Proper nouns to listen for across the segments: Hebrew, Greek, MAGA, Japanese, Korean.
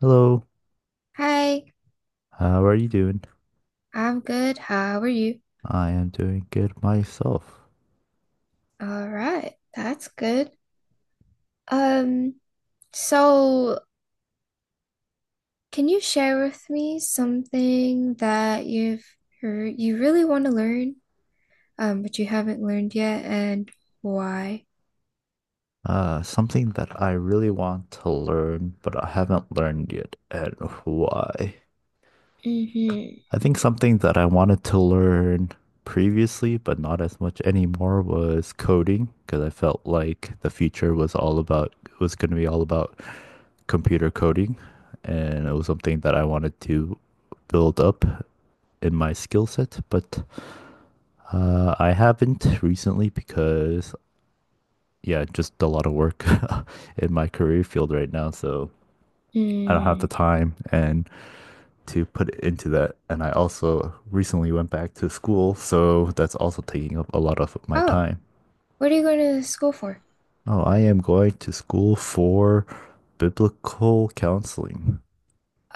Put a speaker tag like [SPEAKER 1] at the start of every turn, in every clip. [SPEAKER 1] Hello,
[SPEAKER 2] Hi,
[SPEAKER 1] how are you doing?
[SPEAKER 2] I'm good. How are you?
[SPEAKER 1] I am doing good myself.
[SPEAKER 2] All right, that's good. Um, so can you share with me something that you've heard you really want to learn, but you haven't learned yet and why?
[SPEAKER 1] Something that I really want to learn, but I haven't learned yet, and why?
[SPEAKER 2] Mm-hmm.
[SPEAKER 1] I think something that I wanted to learn previously, but not as much anymore, was coding, because I felt like the future was all about was going to be all about computer coding, and it was something that I wanted to build up in my skill set, but I haven't recently because yeah, just a lot of work in my career field right now. So I don't have the
[SPEAKER 2] Mm.
[SPEAKER 1] time and to put it into that. And I also recently went back to school, so that's also taking up a lot of my
[SPEAKER 2] Oh,
[SPEAKER 1] time.
[SPEAKER 2] what are you going to school for?
[SPEAKER 1] Oh, I am going to school for biblical counseling.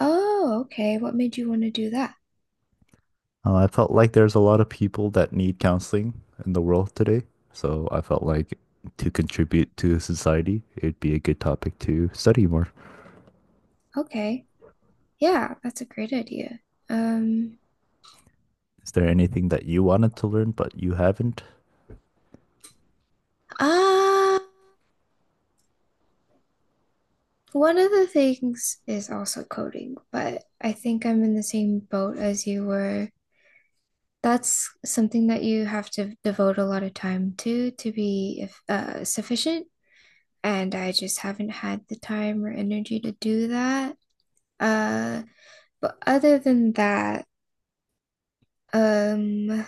[SPEAKER 2] Oh, okay. What made you want to do that?
[SPEAKER 1] I felt like there's a lot of people that need counseling in the world today. So I felt like to contribute to society, it'd be a good topic to study more.
[SPEAKER 2] Okay. Yeah, that's a great idea. Um,
[SPEAKER 1] Is there anything that you wanted to learn but you haven't?
[SPEAKER 2] ah. One of the things is also coding, but I think I'm in the same boat as you were. That's something that you have to devote a lot of time to be if, sufficient, and I just haven't had the time or energy to do that. Uh, but other than that, um,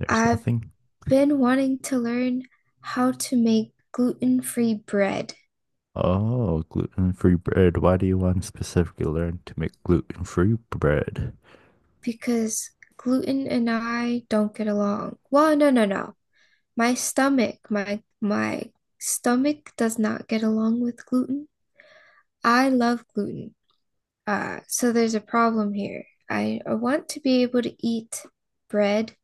[SPEAKER 1] There's
[SPEAKER 2] I've
[SPEAKER 1] nothing.
[SPEAKER 2] been wanting to learn how to make gluten-free bread
[SPEAKER 1] Oh, gluten-free bread. Why do you want to specifically learn to make gluten-free bread?
[SPEAKER 2] because gluten and I don't get along. Well, no, no, no. My stomach does not get along with gluten. I love gluten. So there's a problem here. I want to be able to eat bread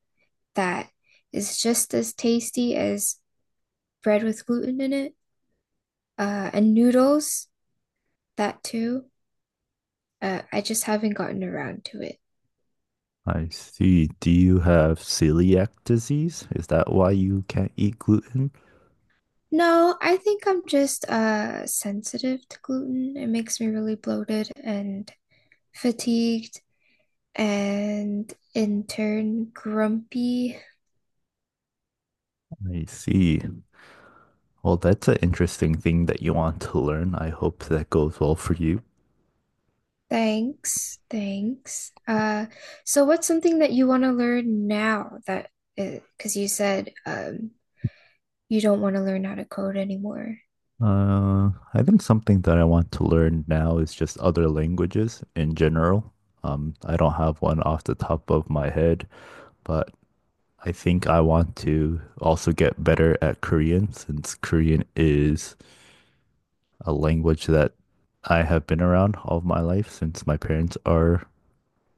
[SPEAKER 2] that is just as tasty as bread with gluten in it. And noodles, that too. I just haven't gotten around to it.
[SPEAKER 1] I see. Do you have celiac disease? Is that why you can't eat gluten?
[SPEAKER 2] No, I think I'm just sensitive to gluten. It makes me really bloated and fatigued and in turn grumpy.
[SPEAKER 1] I see. Well, that's an interesting thing that you want to learn. I hope that goes well for you.
[SPEAKER 2] Thanks. So what's something that you want to learn now that, because you said you don't want to learn how to code anymore?
[SPEAKER 1] I think something that I want to learn now is just other languages in general. I don't have one off the top of my head, but I think I want to also get better at Korean since Korean is a language that I have been around all of my life since my parents are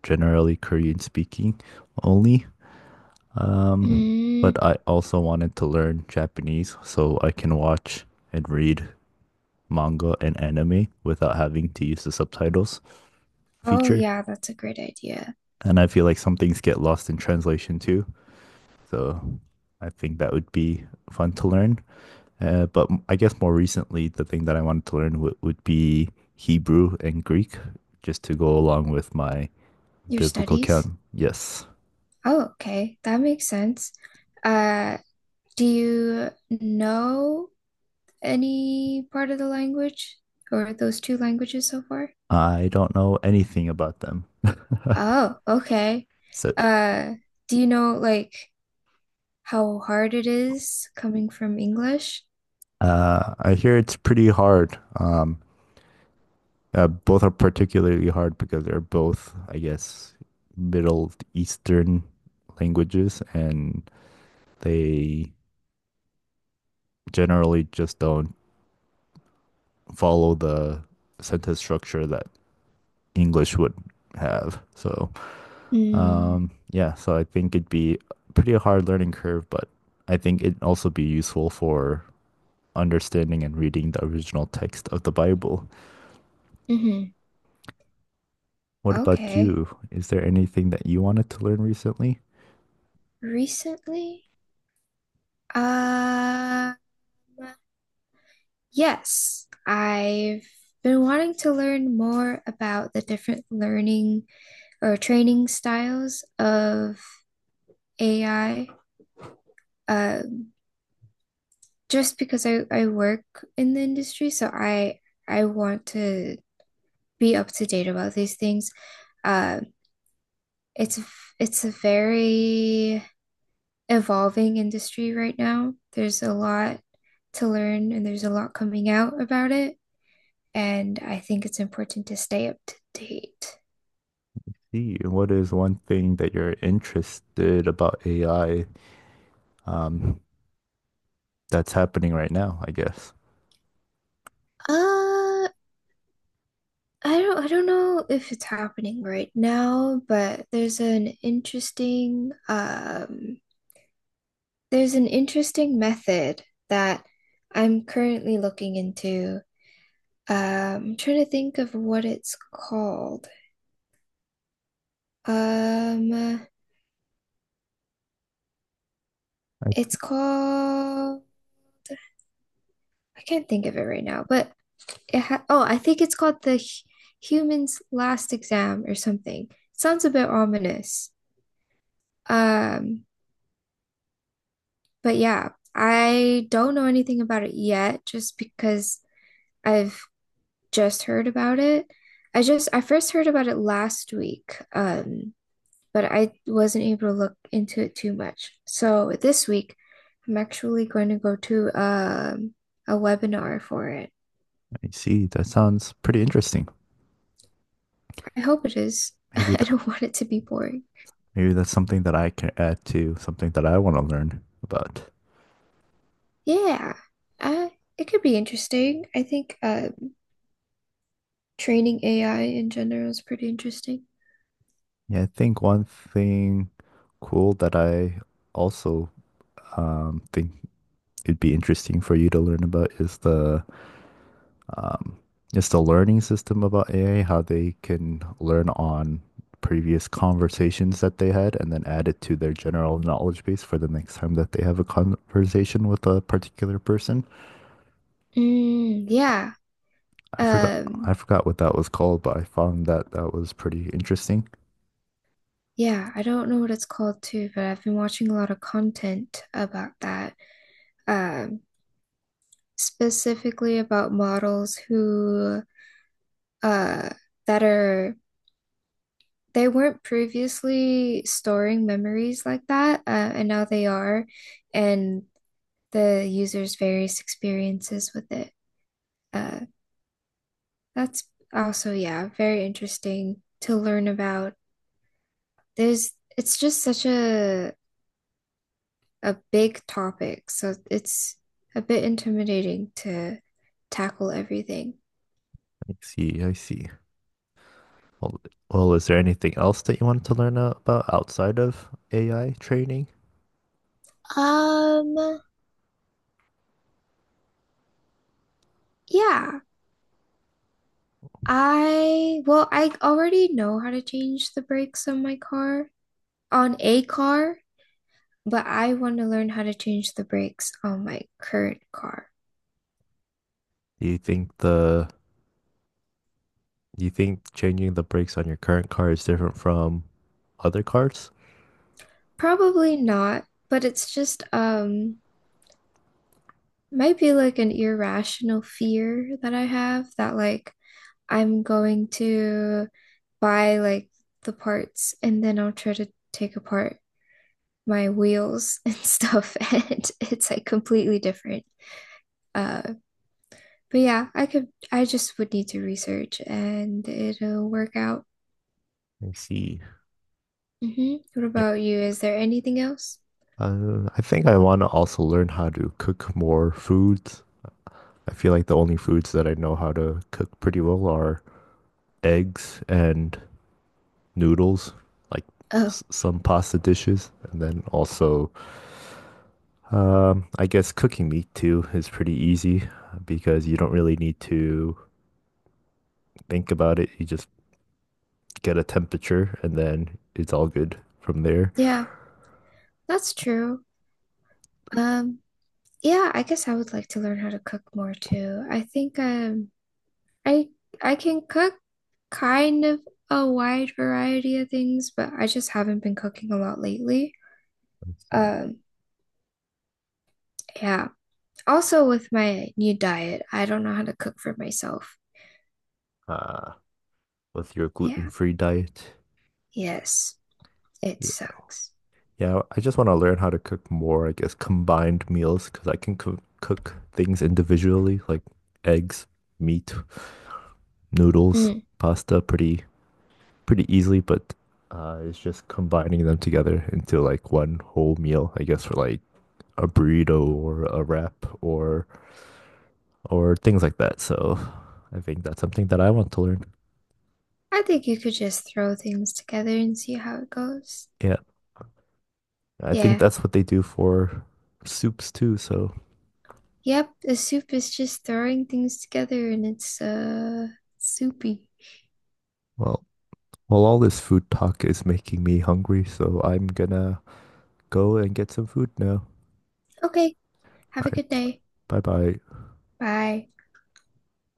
[SPEAKER 1] generally Korean speaking only. Um,
[SPEAKER 2] Mm.
[SPEAKER 1] but I also wanted to learn Japanese so I can watch and read manga and anime without having to use the subtitles
[SPEAKER 2] Oh
[SPEAKER 1] feature.
[SPEAKER 2] yeah, that's a great idea.
[SPEAKER 1] And I feel like some things get lost in translation too. So I think that would be fun to learn. But I guess more recently, the thing that I wanted to learn w would be Hebrew and Greek, just to go along with my
[SPEAKER 2] Your
[SPEAKER 1] biblical
[SPEAKER 2] studies.
[SPEAKER 1] count. Yes,
[SPEAKER 2] Oh, okay, that makes sense. uh do you know any part of the language, or those two languages so far?
[SPEAKER 1] I don't know anything about them.
[SPEAKER 2] Oh, okay.
[SPEAKER 1] So
[SPEAKER 2] Uh, do you know like how hard it is coming from English?
[SPEAKER 1] I hear it's pretty hard. Both are particularly hard because they're both, I guess, Middle Eastern languages, and they generally just don't follow the sentence structure that English would have. So,
[SPEAKER 2] Mm,
[SPEAKER 1] yeah, so I think it'd be pretty a hard learning curve, but I think it'd also be useful for understanding and reading the original text of the Bible.
[SPEAKER 2] hmm.
[SPEAKER 1] What about
[SPEAKER 2] Okay.
[SPEAKER 1] you? Is there anything that you wanted to learn recently?
[SPEAKER 2] Recently? Um, yes. I've been wanting to learn more about the different learning or training styles of AI. Um, just because I work in the industry, so I want to be up to date about these things. Uh, it's it's a very evolving industry right now. There's a lot to learn and there's a lot coming out about it, and I think it's important to stay up to date.
[SPEAKER 1] See, what is one thing that you're interested about AI, um, that's happening right now, I guess?
[SPEAKER 2] I don't know if it's happening right now, but there's an interesting method that I'm currently looking into. I'm trying to think of what it's called. Um,
[SPEAKER 1] I,
[SPEAKER 2] It's called, I can't think of it right now, but I think it's called the Human's Last Exam or something. Sounds a bit ominous. Um, but yeah, I don't know anything about it yet just because I've just heard about it. I first heard about it last week. But I wasn't able to look into it too much. So this week I'm actually going to go to a webinar for it.
[SPEAKER 1] I see. That sounds pretty interesting.
[SPEAKER 2] I hope it is.
[SPEAKER 1] Maybe
[SPEAKER 2] I
[SPEAKER 1] that
[SPEAKER 2] don't want it to be boring.
[SPEAKER 1] Maybe that's something that I can add to something that I want to learn about.
[SPEAKER 2] Yeah, uh, it could be interesting. I think training AI in general is pretty interesting.
[SPEAKER 1] Yeah, I think one thing cool that I also think it'd be interesting for you to learn about um, is the learning system about AI, how they can learn on previous conversations that they had and then add it to their general knowledge base for the next time that they have a conversation with a particular person.
[SPEAKER 2] Mm, yeah.
[SPEAKER 1] I forgot
[SPEAKER 2] Um,
[SPEAKER 1] I forgot what that was called, but I found that that was pretty interesting.
[SPEAKER 2] yeah, I don't know what it's called too, but I've been watching a lot of content about that. Um, Specifically about models who uh that are, they weren't previously storing memories like that, and now they are, and the user's various experiences with it. Uh, that's also, yeah, very interesting to learn about. It's just such a big topic, so it's a bit intimidating to tackle everything.
[SPEAKER 1] I see, I see. Well, well, is there anything else that you wanted to learn about outside of AI training?
[SPEAKER 2] Um, yeah, I, well, I already know how to change the brakes on my car, on a car, but I want to learn how to change the brakes on my current car.
[SPEAKER 1] Do you think the do you think changing the brakes on your current car is different from other cars?
[SPEAKER 2] Probably not, but it's just might be like an irrational fear that I have that like I'm going to buy like the parts and then I'll try to take apart my wheels and stuff and it's like completely different. Uh but yeah, I just would need to research and it'll work out.
[SPEAKER 1] I see.
[SPEAKER 2] Hmm. What
[SPEAKER 1] Yeah.
[SPEAKER 2] about you? Is there anything else?
[SPEAKER 1] I think I want to also learn how to cook more foods. I feel like the only foods that I know how to cook pretty well are eggs and noodles, like
[SPEAKER 2] Oh,
[SPEAKER 1] s some pasta dishes, and then also I guess cooking meat too is pretty easy because you don't really need to think about it. You just get a temperature and then it's all good from there.
[SPEAKER 2] yeah, that's true. Um Yeah, I guess I would like to learn how to cook more too. I think I I can cook kind of a wide variety of things, but I just haven't been cooking a lot lately. Um yeah. Also with my new diet, I don't know how to cook for myself.
[SPEAKER 1] Uh, with your
[SPEAKER 2] Yeah.
[SPEAKER 1] gluten-free diet.
[SPEAKER 2] Yes, it
[SPEAKER 1] Yeah,
[SPEAKER 2] sucks.
[SPEAKER 1] yeah, I just want to learn how to cook more, I guess, combined meals because I can cook things individually like eggs, meat, noodles,
[SPEAKER 2] Mm.
[SPEAKER 1] pasta pretty easily, but it's just combining them together into like one whole meal, I guess, for like a burrito or a wrap or things like that. So I think that's something that I want to learn.
[SPEAKER 2] I think you could just throw things together and see how it goes.
[SPEAKER 1] Yeah, I think
[SPEAKER 2] Yeah.
[SPEAKER 1] that's what they do for soups too. So
[SPEAKER 2] Yep, the soup is just throwing things together and it's soupy.
[SPEAKER 1] well, well, all this food talk is making me hungry, so I'm gonna go and get some food now.
[SPEAKER 2] Okay, have
[SPEAKER 1] All
[SPEAKER 2] a
[SPEAKER 1] right,
[SPEAKER 2] good day.
[SPEAKER 1] bye bye.
[SPEAKER 2] Bye.